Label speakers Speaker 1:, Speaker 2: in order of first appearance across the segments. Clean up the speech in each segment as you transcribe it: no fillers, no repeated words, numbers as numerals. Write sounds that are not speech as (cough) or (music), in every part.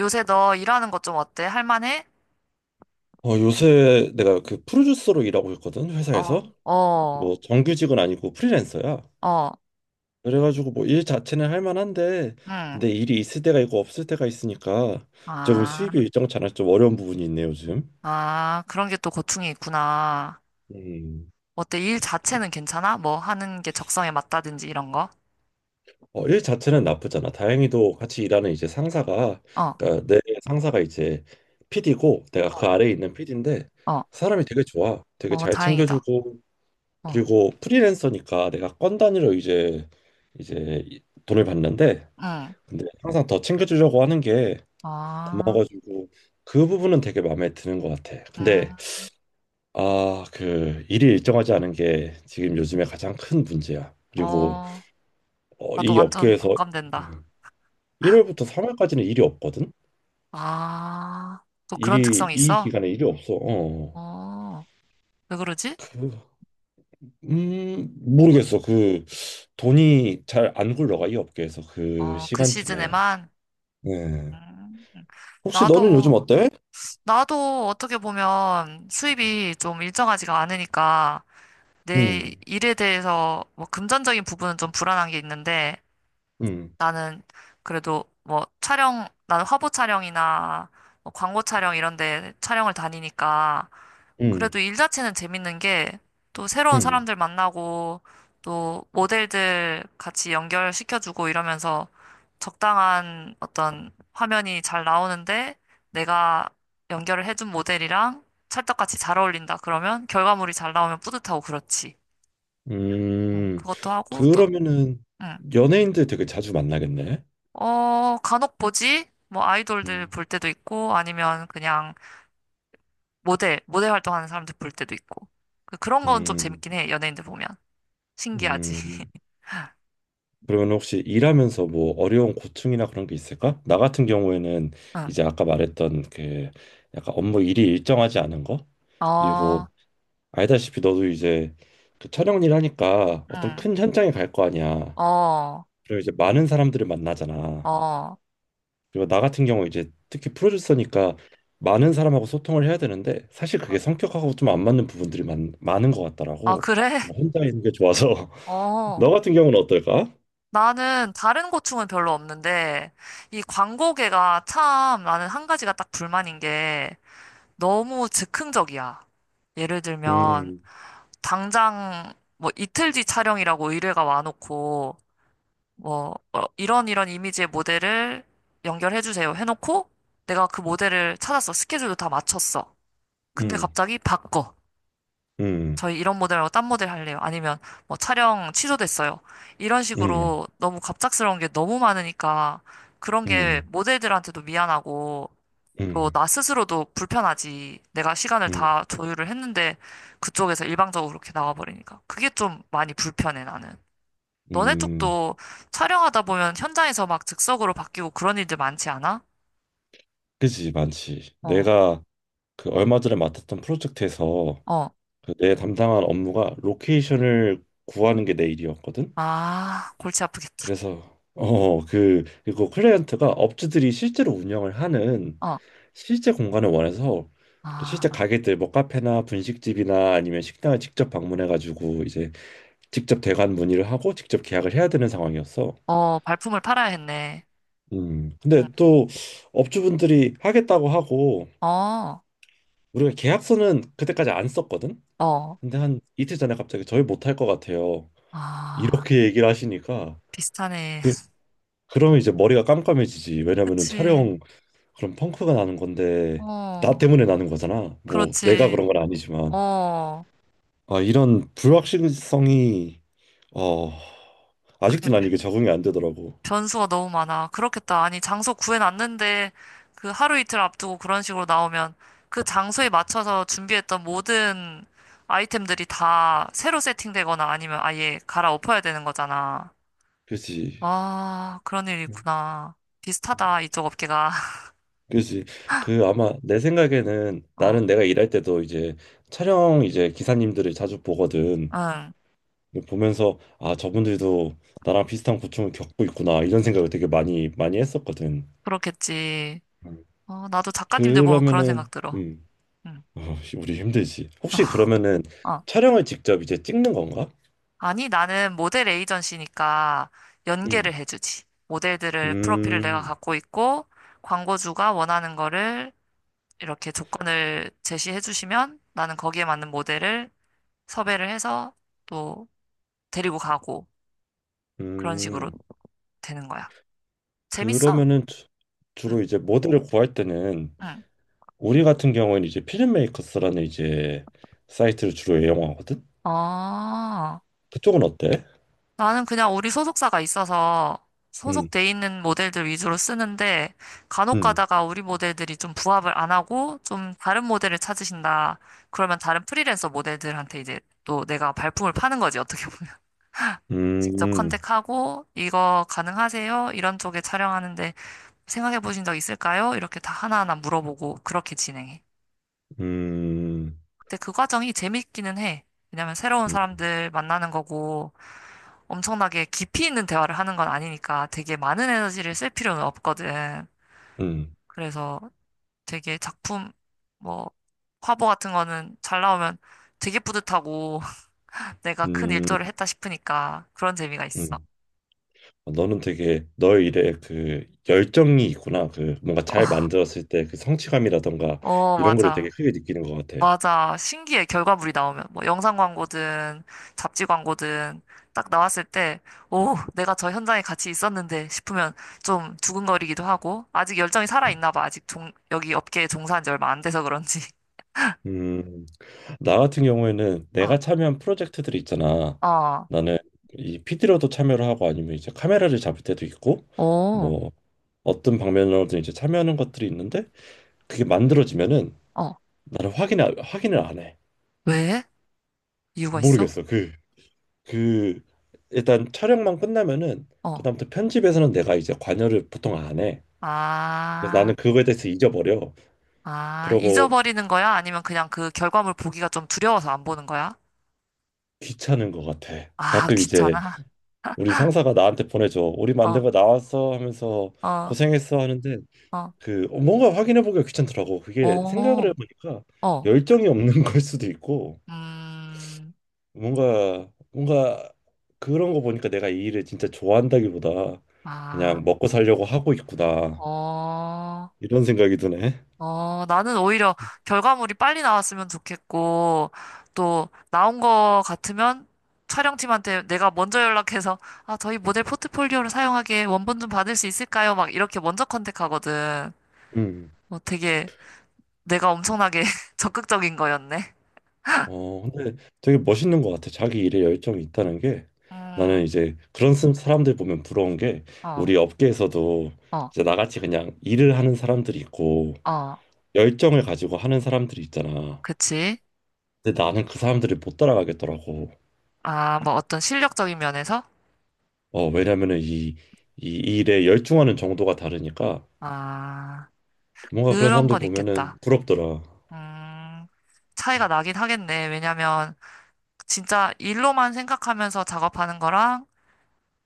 Speaker 1: 요새 너 일하는 것 좀 어때? 할만해?
Speaker 2: 요새 내가 그 프로듀서로 일하고 있거든,
Speaker 1: 어,
Speaker 2: 회사에서.
Speaker 1: 어,
Speaker 2: 뭐 정규직은 아니고 프리랜서야.
Speaker 1: 어,
Speaker 2: 그래가지고 뭐 일 자체는 할 만한데,
Speaker 1: 응.
Speaker 2: 근데 일이 있을 때가 있고 없을 때가 있으니까 조금 수입이
Speaker 1: 아,
Speaker 2: 일정치 않아서 좀 어려운 부분이 있네, 요즘.
Speaker 1: 아, 그런 게 또 고충이 있구나.
Speaker 2: 음.
Speaker 1: 어때? 일 자체는 괜찮아? 뭐 하는 게 적성에 맞다든지 이런 거?
Speaker 2: 일 자체는 나쁘잖아. 다행히도 같이 일하는 이제 상사가,
Speaker 1: 어,
Speaker 2: 그러니까 내 상사가 이제 PD고, 내가
Speaker 1: 어,
Speaker 2: 그 아래에 있는 PD인데,
Speaker 1: 어,
Speaker 2: 사람이 되게 좋아. 되게
Speaker 1: 어,
Speaker 2: 잘
Speaker 1: 다행이다.
Speaker 2: 챙겨주고,
Speaker 1: 어,
Speaker 2: 그리고 프리랜서니까 내가 건 단위로 이제 돈을 받는데
Speaker 1: 응.
Speaker 2: 근데 항상 더 챙겨주려고 하는 게
Speaker 1: 아,
Speaker 2: 고마워가지고 그 부분은 되게 마음에 드는 것 같아.
Speaker 1: 음,
Speaker 2: 근데 아 그 일이 일정하지 않은 게 지금 요즘에 가장 큰 문제야. 그리고
Speaker 1: 어, 나도
Speaker 2: 이
Speaker 1: 완전
Speaker 2: 업계에서
Speaker 1: 공감된다.
Speaker 2: 음, 1월부터 3월까지는 일이 없거든.
Speaker 1: 아, 또 그런
Speaker 2: 일이
Speaker 1: 특성이
Speaker 2: 이
Speaker 1: 있어?
Speaker 2: 기간에 일이 없어. 어.
Speaker 1: 어, 왜 그러지?
Speaker 2: 그, 모르겠어. 그 돈이 잘 안 굴러가 이 업계에서 그
Speaker 1: 어, 그
Speaker 2: 시간쯤에.
Speaker 1: 시즌에만? 음,
Speaker 2: 네.
Speaker 1: 음.
Speaker 2: 혹시 너는 요즘
Speaker 1: 나도.
Speaker 2: 어때?
Speaker 1: 나도 어떻게 보면 수입이 좀 일정하지가 않으니까 내
Speaker 2: 음,
Speaker 1: 일에 대해서 뭐 금전적인 부분은 좀 불안한 게 있는데
Speaker 2: 음,
Speaker 1: 나는 그래도 뭐 촬영, 나는 화보 촬영이나 뭐 광고 촬영 이런 데 촬영을 다니니까
Speaker 2: 음,
Speaker 1: 그래도 일 자체는 재밌는 게 또 새로운
Speaker 2: 음,
Speaker 1: 사람들 만나고 또 모델들 같이 연결시켜주고 이러면서 적당한 어떤 화면이 잘 나오는데 내가 연결을 해준 모델이랑 찰떡같이 잘 어울린다. 그러면 결과물이 잘 나오면 뿌듯하고 그렇지.
Speaker 2: 음.
Speaker 1: 그것도 하고 또,
Speaker 2: 그러면은
Speaker 1: 음,
Speaker 2: 연예인들 되게 자주 만나겠네.
Speaker 1: 어, 간혹 보지? 뭐 아이돌들
Speaker 2: 음,
Speaker 1: 볼 때도 있고 아니면 그냥 모델, 모델 활동하는 사람들 볼 때도 있고. 그런 건 좀
Speaker 2: 음,
Speaker 1: 재밌긴 해. 연예인들 보면. 신기하지.
Speaker 2: 음. 그러면 혹시 일하면서 뭐 어려운 고충이나 그런 게 있을까? 나 같은 경우에는
Speaker 1: 응.
Speaker 2: 이제 아까 말했던 그 약간 업무 일이 일정하지 않은 거
Speaker 1: 어,
Speaker 2: 그리고 알다시피 너도 이제 그 촬영 일 하니까 어떤
Speaker 1: 응.
Speaker 2: 큰 현장에 갈 거 아니야.
Speaker 1: 어,
Speaker 2: 그리고 이제 많은 사람들을 만나잖아.
Speaker 1: 어.
Speaker 2: 그리고 나 같은 경우 이제 특히 프로듀서니까 많은 사람하고 소통을 해야 되는데 사실 그게
Speaker 1: 그
Speaker 2: 성격하고 좀 안 맞는 부분들이 많은 것
Speaker 1: 아,
Speaker 2: 같더라고.
Speaker 1: 그래? (laughs)
Speaker 2: 나는 혼자 있는 게 좋아서. (laughs)
Speaker 1: 어.
Speaker 2: 너 같은 경우는 어떨까?
Speaker 1: 나는 다른 고충은 별로 없는데, 이 광고계가 참 나는 한 가지가 딱 불만인 게 너무 즉흥적이야. 예를 들면,
Speaker 2: 음,
Speaker 1: 당장 뭐 이틀 뒤 촬영이라고 의뢰가 와놓고, 뭐, 어, 이런 이런 이미지의 모델을 연결해주세요 해놓고, 내가 그 모델을 찾았어. 스케줄도 다 맞췄어. 근데
Speaker 2: 음,
Speaker 1: 갑자기 바꿔.
Speaker 2: 음,
Speaker 1: 저희 이런 모델 말고 딴 모델 할래요. 아니면 뭐 촬영 취소됐어요. 이런
Speaker 2: 음,
Speaker 1: 식으로 너무 갑작스러운 게 너무 많으니까 그런 게
Speaker 2: 음,
Speaker 1: 모델들한테도 미안하고 또
Speaker 2: 음,
Speaker 1: 나 스스로도 불편하지. 내가 시간을
Speaker 2: 음,
Speaker 1: 다 조율을 했는데 그쪽에서 일방적으로 그렇게 나와버리니까. 그게 좀 많이 불편해, 나는. 너네
Speaker 2: 음,
Speaker 1: 쪽도 촬영하다 보면 현장에서 막 즉석으로 바뀌고 그런 일들 많지 않아?
Speaker 2: 그지 많지.
Speaker 1: 어,
Speaker 2: 내가 그 얼마 전에 맡았던 프로젝트에서
Speaker 1: 어.
Speaker 2: 그내 담당한 업무가 로케이션을 구하는 게 내 일이었거든.
Speaker 1: 아, 골치 아프겠다.
Speaker 2: 그래서 그리고 클라이언트가 업주들이 실제로 운영을 하는
Speaker 1: 어,
Speaker 2: 실제 공간을 원해서 그
Speaker 1: 아,
Speaker 2: 실제 가게들 뭐 카페나 분식집이나 아니면 식당을 직접 방문해 가지고 이제 직접 대관 문의를 하고 직접 계약을 해야 되는 상황이었어.
Speaker 1: 어, 발품을 팔아야 했네.
Speaker 2: 음.
Speaker 1: 응.
Speaker 2: 근데 또 업주분들이 하겠다고 하고
Speaker 1: 어.
Speaker 2: 우리가 계약서는 그때까지 안 썼거든.
Speaker 1: 어.
Speaker 2: 근데 한 이틀 전에 갑자기 저희 못할 것 같아요.
Speaker 1: 아,
Speaker 2: 이렇게 얘기를 하시니까
Speaker 1: 비슷하네.
Speaker 2: 그
Speaker 1: (laughs)
Speaker 2: 그러면 이제 머리가 깜깜해지지. 왜냐면은
Speaker 1: 그치.
Speaker 2: 촬영 그럼 펑크가 나는 건데 나
Speaker 1: 어,
Speaker 2: 때문에 나는 거잖아. 뭐 내가
Speaker 1: 그렇지.
Speaker 2: 그런 건 아니지만
Speaker 1: 어,
Speaker 2: 아, 이런 불확실성이 어,
Speaker 1: 그래.
Speaker 2: 아직도 난 이게 적응이 안 되더라고.
Speaker 1: 변수가 너무 많아. 그렇겠다. 아니, 장소 구해놨는데 그 하루 이틀 앞두고 그런 식으로 나오면 그 장소에 맞춰서 준비했던 모든 아이템들이 다 새로 세팅되거나 아니면 아예 갈아엎어야 되는 거잖아.
Speaker 2: 그렇지.
Speaker 1: 아, 그런 일이
Speaker 2: 음,
Speaker 1: 있구나.
Speaker 2: 음.
Speaker 1: 비슷하다, 이쪽 업계가. (laughs)
Speaker 2: 그렇지. 그 아마 내 생각에는
Speaker 1: 어,
Speaker 2: 나는 내가 일할 때도 이제 촬영 이제 기사님들을 자주 보거든.
Speaker 1: 응,
Speaker 2: 보면서 아, 저분들도 나랑 비슷한 고충을 겪고 있구나. 이런 생각을 되게 많이 했었거든.
Speaker 1: 그렇겠지.
Speaker 2: 음.
Speaker 1: 어, 나도 작가님들 보면 그런 생각
Speaker 2: 그러면은
Speaker 1: 들어. 응.
Speaker 2: 어, 씨, 우리 힘들지. 혹시
Speaker 1: (laughs)
Speaker 2: 그러면은 촬영을 직접 이제 찍는 건가?
Speaker 1: 아니, 나는 모델 에이전시니까 연계를
Speaker 2: 음.
Speaker 1: 해주지. 모델들을, 프로필을 내가
Speaker 2: 음.
Speaker 1: 갖고 있고, 광고주가 원하는 거를 이렇게 조건을 제시해 주시면 나는 거기에 맞는 모델을 섭외를 해서 또 데리고 가고, 그런 식으로
Speaker 2: 음.
Speaker 1: 되는 거야. 재밌어?
Speaker 2: 그러면은 주- 주로
Speaker 1: 응,
Speaker 2: 이제 모델을 구할 때는
Speaker 1: 응.
Speaker 2: 우리 같은 경우에는 이제 필름메이커스라는 이제 사이트를 주로 이용하거든.
Speaker 1: 어,
Speaker 2: 그쪽은 어때?
Speaker 1: 나는 그냥 우리 소속사가 있어서
Speaker 2: 음,
Speaker 1: 소속돼 있는 모델들 위주로 쓰는데 간혹
Speaker 2: 음,
Speaker 1: 가다가 우리 모델들이 좀 부합을 안 하고 좀 다른 모델을 찾으신다. 그러면 다른 프리랜서 모델들한테 이제 또 내가 발품을 파는 거지, 어떻게 보면. (laughs)
Speaker 2: 음,
Speaker 1: 직접
Speaker 2: 음,
Speaker 1: 컨택하고 이거 가능하세요? 이런 쪽에 촬영하는데 생각해 보신 적 있을까요? 이렇게 다 하나하나 물어보고 그렇게 진행해.
Speaker 2: 음,
Speaker 1: 근데 그 과정이 재밌기는 해. 왜냐면 새로운
Speaker 2: 음,
Speaker 1: 사람들 만나는 거고 엄청나게 깊이 있는 대화를 하는 건 아니니까 되게 많은 에너지를 쓸 필요는 없거든.
Speaker 2: 음,
Speaker 1: 그래서 되게 작품, 뭐, 화보 같은 거는 잘 나오면 되게 뿌듯하고 (laughs) 내가 큰
Speaker 2: 음.
Speaker 1: 일조를 했다 싶으니까 그런 재미가 있어.
Speaker 2: 음. 너는 되게 너의 일에 그 열정이 있구나. 그 뭔가
Speaker 1: 어,
Speaker 2: 잘 만들었을 때 그 성취감이라던가
Speaker 1: 어,
Speaker 2: 이런 거를 되게
Speaker 1: 맞아.
Speaker 2: 크게 느끼는 것 같아.
Speaker 1: 맞아. 신기해. 결과물이 나오면. 뭐 영상 광고든 잡지 광고든 딱 나왔을 때, 오, 내가 저 현장에 같이 있었는데 싶으면 좀 두근거리기도 하고, 아직 열정이 살아있나 봐. 아직 여기 업계에 종사한 지 얼마 안 돼서 그런지.
Speaker 2: 음, 나 같은 경우에는 내가
Speaker 1: (laughs)
Speaker 2: 참여한 프로젝트들 이 있잖아.
Speaker 1: 어, 어,
Speaker 2: 나는 이 PD로도 참여를 하고 아니면 이제 카메라를 잡을 때도 있고
Speaker 1: 오,
Speaker 2: 뭐 어떤 방면으로든 이제 참여하는 것들이 있는데 그게 만들어지면은
Speaker 1: 어,
Speaker 2: 나는 확인을 안 해.
Speaker 1: 왜? 이유가 있어?
Speaker 2: 모르겠어. 그 그 일단 촬영만 끝나면은
Speaker 1: 어,
Speaker 2: 그다음부터 편집에서는 내가 이제 관여를 보통 안 해. 그래서
Speaker 1: 아,
Speaker 2: 나는 그거에 대해서 잊어버려.
Speaker 1: 아,
Speaker 2: 그러고
Speaker 1: 잊어버리는 거야? 아니면 그냥 그 결과물 보기가 좀 두려워서 안 보는 거야?
Speaker 2: 귀찮은 것 같아.
Speaker 1: 아,
Speaker 2: 가끔 이제
Speaker 1: 귀찮아.
Speaker 2: 우리 상사가 나한테 보내줘. 우리
Speaker 1: 어,
Speaker 2: 만대가 나왔어 하면서
Speaker 1: 어,
Speaker 2: 고생했어 하는데
Speaker 1: 어,
Speaker 2: 그 뭔가 확인해 보기가 귀찮더라고. 그게
Speaker 1: 오,
Speaker 2: 생각을 해보니까
Speaker 1: 어.
Speaker 2: 열정이 없는 (laughs) 걸 수도 있고
Speaker 1: 음,
Speaker 2: 뭔가 그런 거 보니까 내가 이 일을 진짜 좋아한다기보다
Speaker 1: 아,
Speaker 2: 그냥 먹고 살려고 하고 있구나
Speaker 1: 어,
Speaker 2: 이런 생각이 드네.
Speaker 1: 어, 나는 오히려 결과물이 빨리 나왔으면 좋겠고, 또, 나온 거 같으면 촬영팀한테 내가 먼저 연락해서, 아, 저희 모델 포트폴리오를 사용하기에 원본 좀 받을 수 있을까요? 막 이렇게 먼저 컨택하거든.
Speaker 2: 음.
Speaker 1: 뭐 되게 내가 엄청나게 (laughs) 적극적인 거였네.
Speaker 2: 근데 되게 멋있는 것 같아. 자기 일에 열정이 있다는 게 나는
Speaker 1: 음,
Speaker 2: 이제 사람들 보면 부러운 게
Speaker 1: 어,
Speaker 2: 우리 업계에서도
Speaker 1: 어,
Speaker 2: 이제 나같이 그냥 일을 하는 사람들이 있고
Speaker 1: 어,
Speaker 2: 열정을 가지고 하는 사람들이 있잖아.
Speaker 1: 그치.
Speaker 2: 근데 나는 그 사람들을 못 따라가겠더라고.
Speaker 1: 아, 뭐 어떤 실력적인 면에서?
Speaker 2: 왜냐면은 이 일에 열중하는 정도가 다르니까
Speaker 1: 아,
Speaker 2: 뭔가 그런
Speaker 1: 그런
Speaker 2: 사람들
Speaker 1: 건
Speaker 2: 보면은
Speaker 1: 있겠다.
Speaker 2: 부럽더라.
Speaker 1: 음, 차이가
Speaker 2: 음,
Speaker 1: 나긴 하겠네. 왜냐면 진짜 일로만 생각하면서 작업하는 거랑,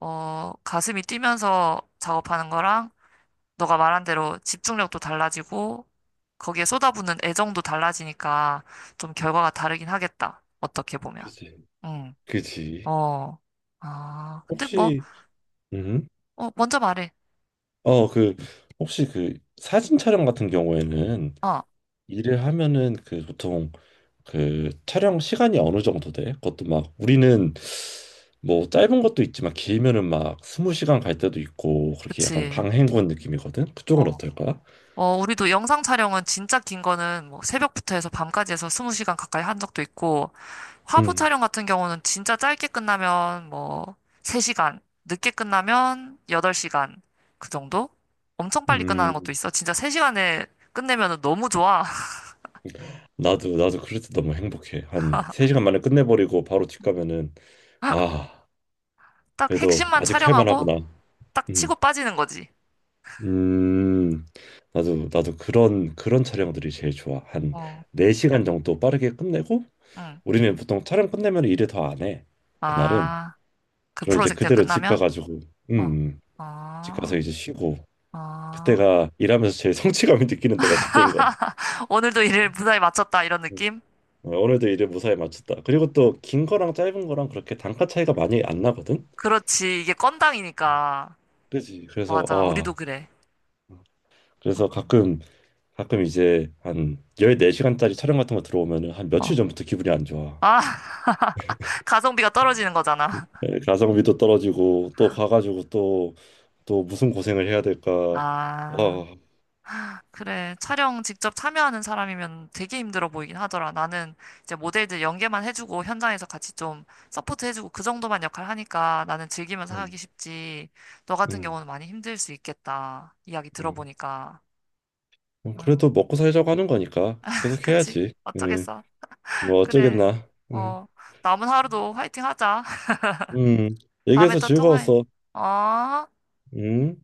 Speaker 1: 어, 가슴이 뛰면서 작업하는 거랑, 너가 말한 대로 집중력도 달라지고, 거기에 쏟아붓는 애정도 달라지니까 좀 결과가 다르긴 하겠다. 어떻게 보면.
Speaker 2: 그치.
Speaker 1: 응,
Speaker 2: 그치.
Speaker 1: 어, 아, 근데 뭐,
Speaker 2: 혹시, 음,
Speaker 1: 어, 먼저 말해.
Speaker 2: 어, 그, 혹시 그 사진 촬영 같은 경우에는
Speaker 1: 어,
Speaker 2: 일을 하면은 그 보통 그 촬영 시간이 어느 정도 돼? 그것도 막 우리는 뭐 짧은 것도 있지만 길면은 막 스무 시간 갈 때도 있고 그렇게 약간
Speaker 1: 그치.
Speaker 2: 강행군 느낌이거든. 그쪽은
Speaker 1: 어,
Speaker 2: 어떨까?
Speaker 1: 어, 우리도 영상 촬영은 진짜 긴 거는 뭐 새벽부터 해서 밤까지 해서 20시간 가까이 한 적도 있고, 화보
Speaker 2: 음.
Speaker 1: 촬영 같은 경우는 진짜 짧게 끝나면 뭐 3시간, 늦게 끝나면 8시간 그 정도? 엄청 빨리 끝나는 것도
Speaker 2: 음.
Speaker 1: 있어. 진짜 3시간에 끝내면 너무 좋아.
Speaker 2: 나도 그럴 때 너무 행복해. 한 3시간 만에 끝내버리고 바로 집 가면은
Speaker 1: (laughs)
Speaker 2: 아,
Speaker 1: 딱
Speaker 2: 그래도
Speaker 1: 핵심만
Speaker 2: 아직 할
Speaker 1: 촬영하고
Speaker 2: 만하구나.
Speaker 1: 딱
Speaker 2: 음.
Speaker 1: 치고 빠지는 거지.
Speaker 2: 음. 나도 그런 촬영들이 제일 좋아. 한
Speaker 1: 어,
Speaker 2: 4시간 정도 빠르게 끝내고
Speaker 1: 응.
Speaker 2: 우리는 보통 촬영 끝내면 일을 더 안 해. 그날은
Speaker 1: 아, 그
Speaker 2: 그럼 이제
Speaker 1: 프로젝트가
Speaker 2: 그대로 집
Speaker 1: 끝나면?
Speaker 2: 가가지고 음,
Speaker 1: 어,
Speaker 2: 음. 집 가서
Speaker 1: 아,
Speaker 2: 이제 쉬고
Speaker 1: 아.
Speaker 2: 그때가 일하면서 제일 (laughs) 성취감이 느끼는 때가 그때인 것 같아.
Speaker 1: 오늘도 일을 무사히 마쳤다, 이런
Speaker 2: 음,
Speaker 1: 느낌?
Speaker 2: 어, 오늘도 일을 무사히 마쳤다. 그리고 또 긴 거랑 짧은 거랑 그렇게 단가 차이가 많이 안 나거든.
Speaker 1: 그렇지. 이게 건당이니까.
Speaker 2: 그지? 그래서
Speaker 1: 맞아. 우리도
Speaker 2: 아
Speaker 1: 그래. 어,
Speaker 2: 그래서 가끔 이제 한 14시간짜리 촬영 같은 거 들어오면은 한 며칠
Speaker 1: 어.
Speaker 2: 전부터 기분이 안 좋아.
Speaker 1: 아, (laughs) 가성비가 떨어지는 거잖아.
Speaker 2: 예, 가성비도 떨어지고 또 가가지고 또 무슨 고생을 해야 될까.
Speaker 1: 아,
Speaker 2: 아
Speaker 1: 그래. 촬영 직접 참여하는 사람이면 되게 힘들어 보이긴 하더라. 나는 이제 모델들 연계만 해주고 현장에서 같이 좀 서포트 해주고 그 정도만 역할 하니까 나는 즐기면서
Speaker 2: 음.
Speaker 1: 하기 쉽지. 너 같은
Speaker 2: 음.
Speaker 1: 경우는 많이 힘들 수 있겠다. 이야기
Speaker 2: 음.
Speaker 1: 들어보니까.
Speaker 2: 뭐
Speaker 1: 아유,
Speaker 2: 그래도 먹고 살자고 하는 거니까
Speaker 1: (laughs)
Speaker 2: 계속
Speaker 1: 그치.
Speaker 2: 해야지. 음.
Speaker 1: 어쩌겠어.
Speaker 2: 뭐
Speaker 1: 그래.
Speaker 2: 어쩌겠나. 음.
Speaker 1: 어, 남은 하루도 화이팅 하자. (laughs)
Speaker 2: 음.
Speaker 1: 다음에
Speaker 2: 얘기해서
Speaker 1: 또 통화해.
Speaker 2: 즐거웠어.
Speaker 1: 어?
Speaker 2: 음.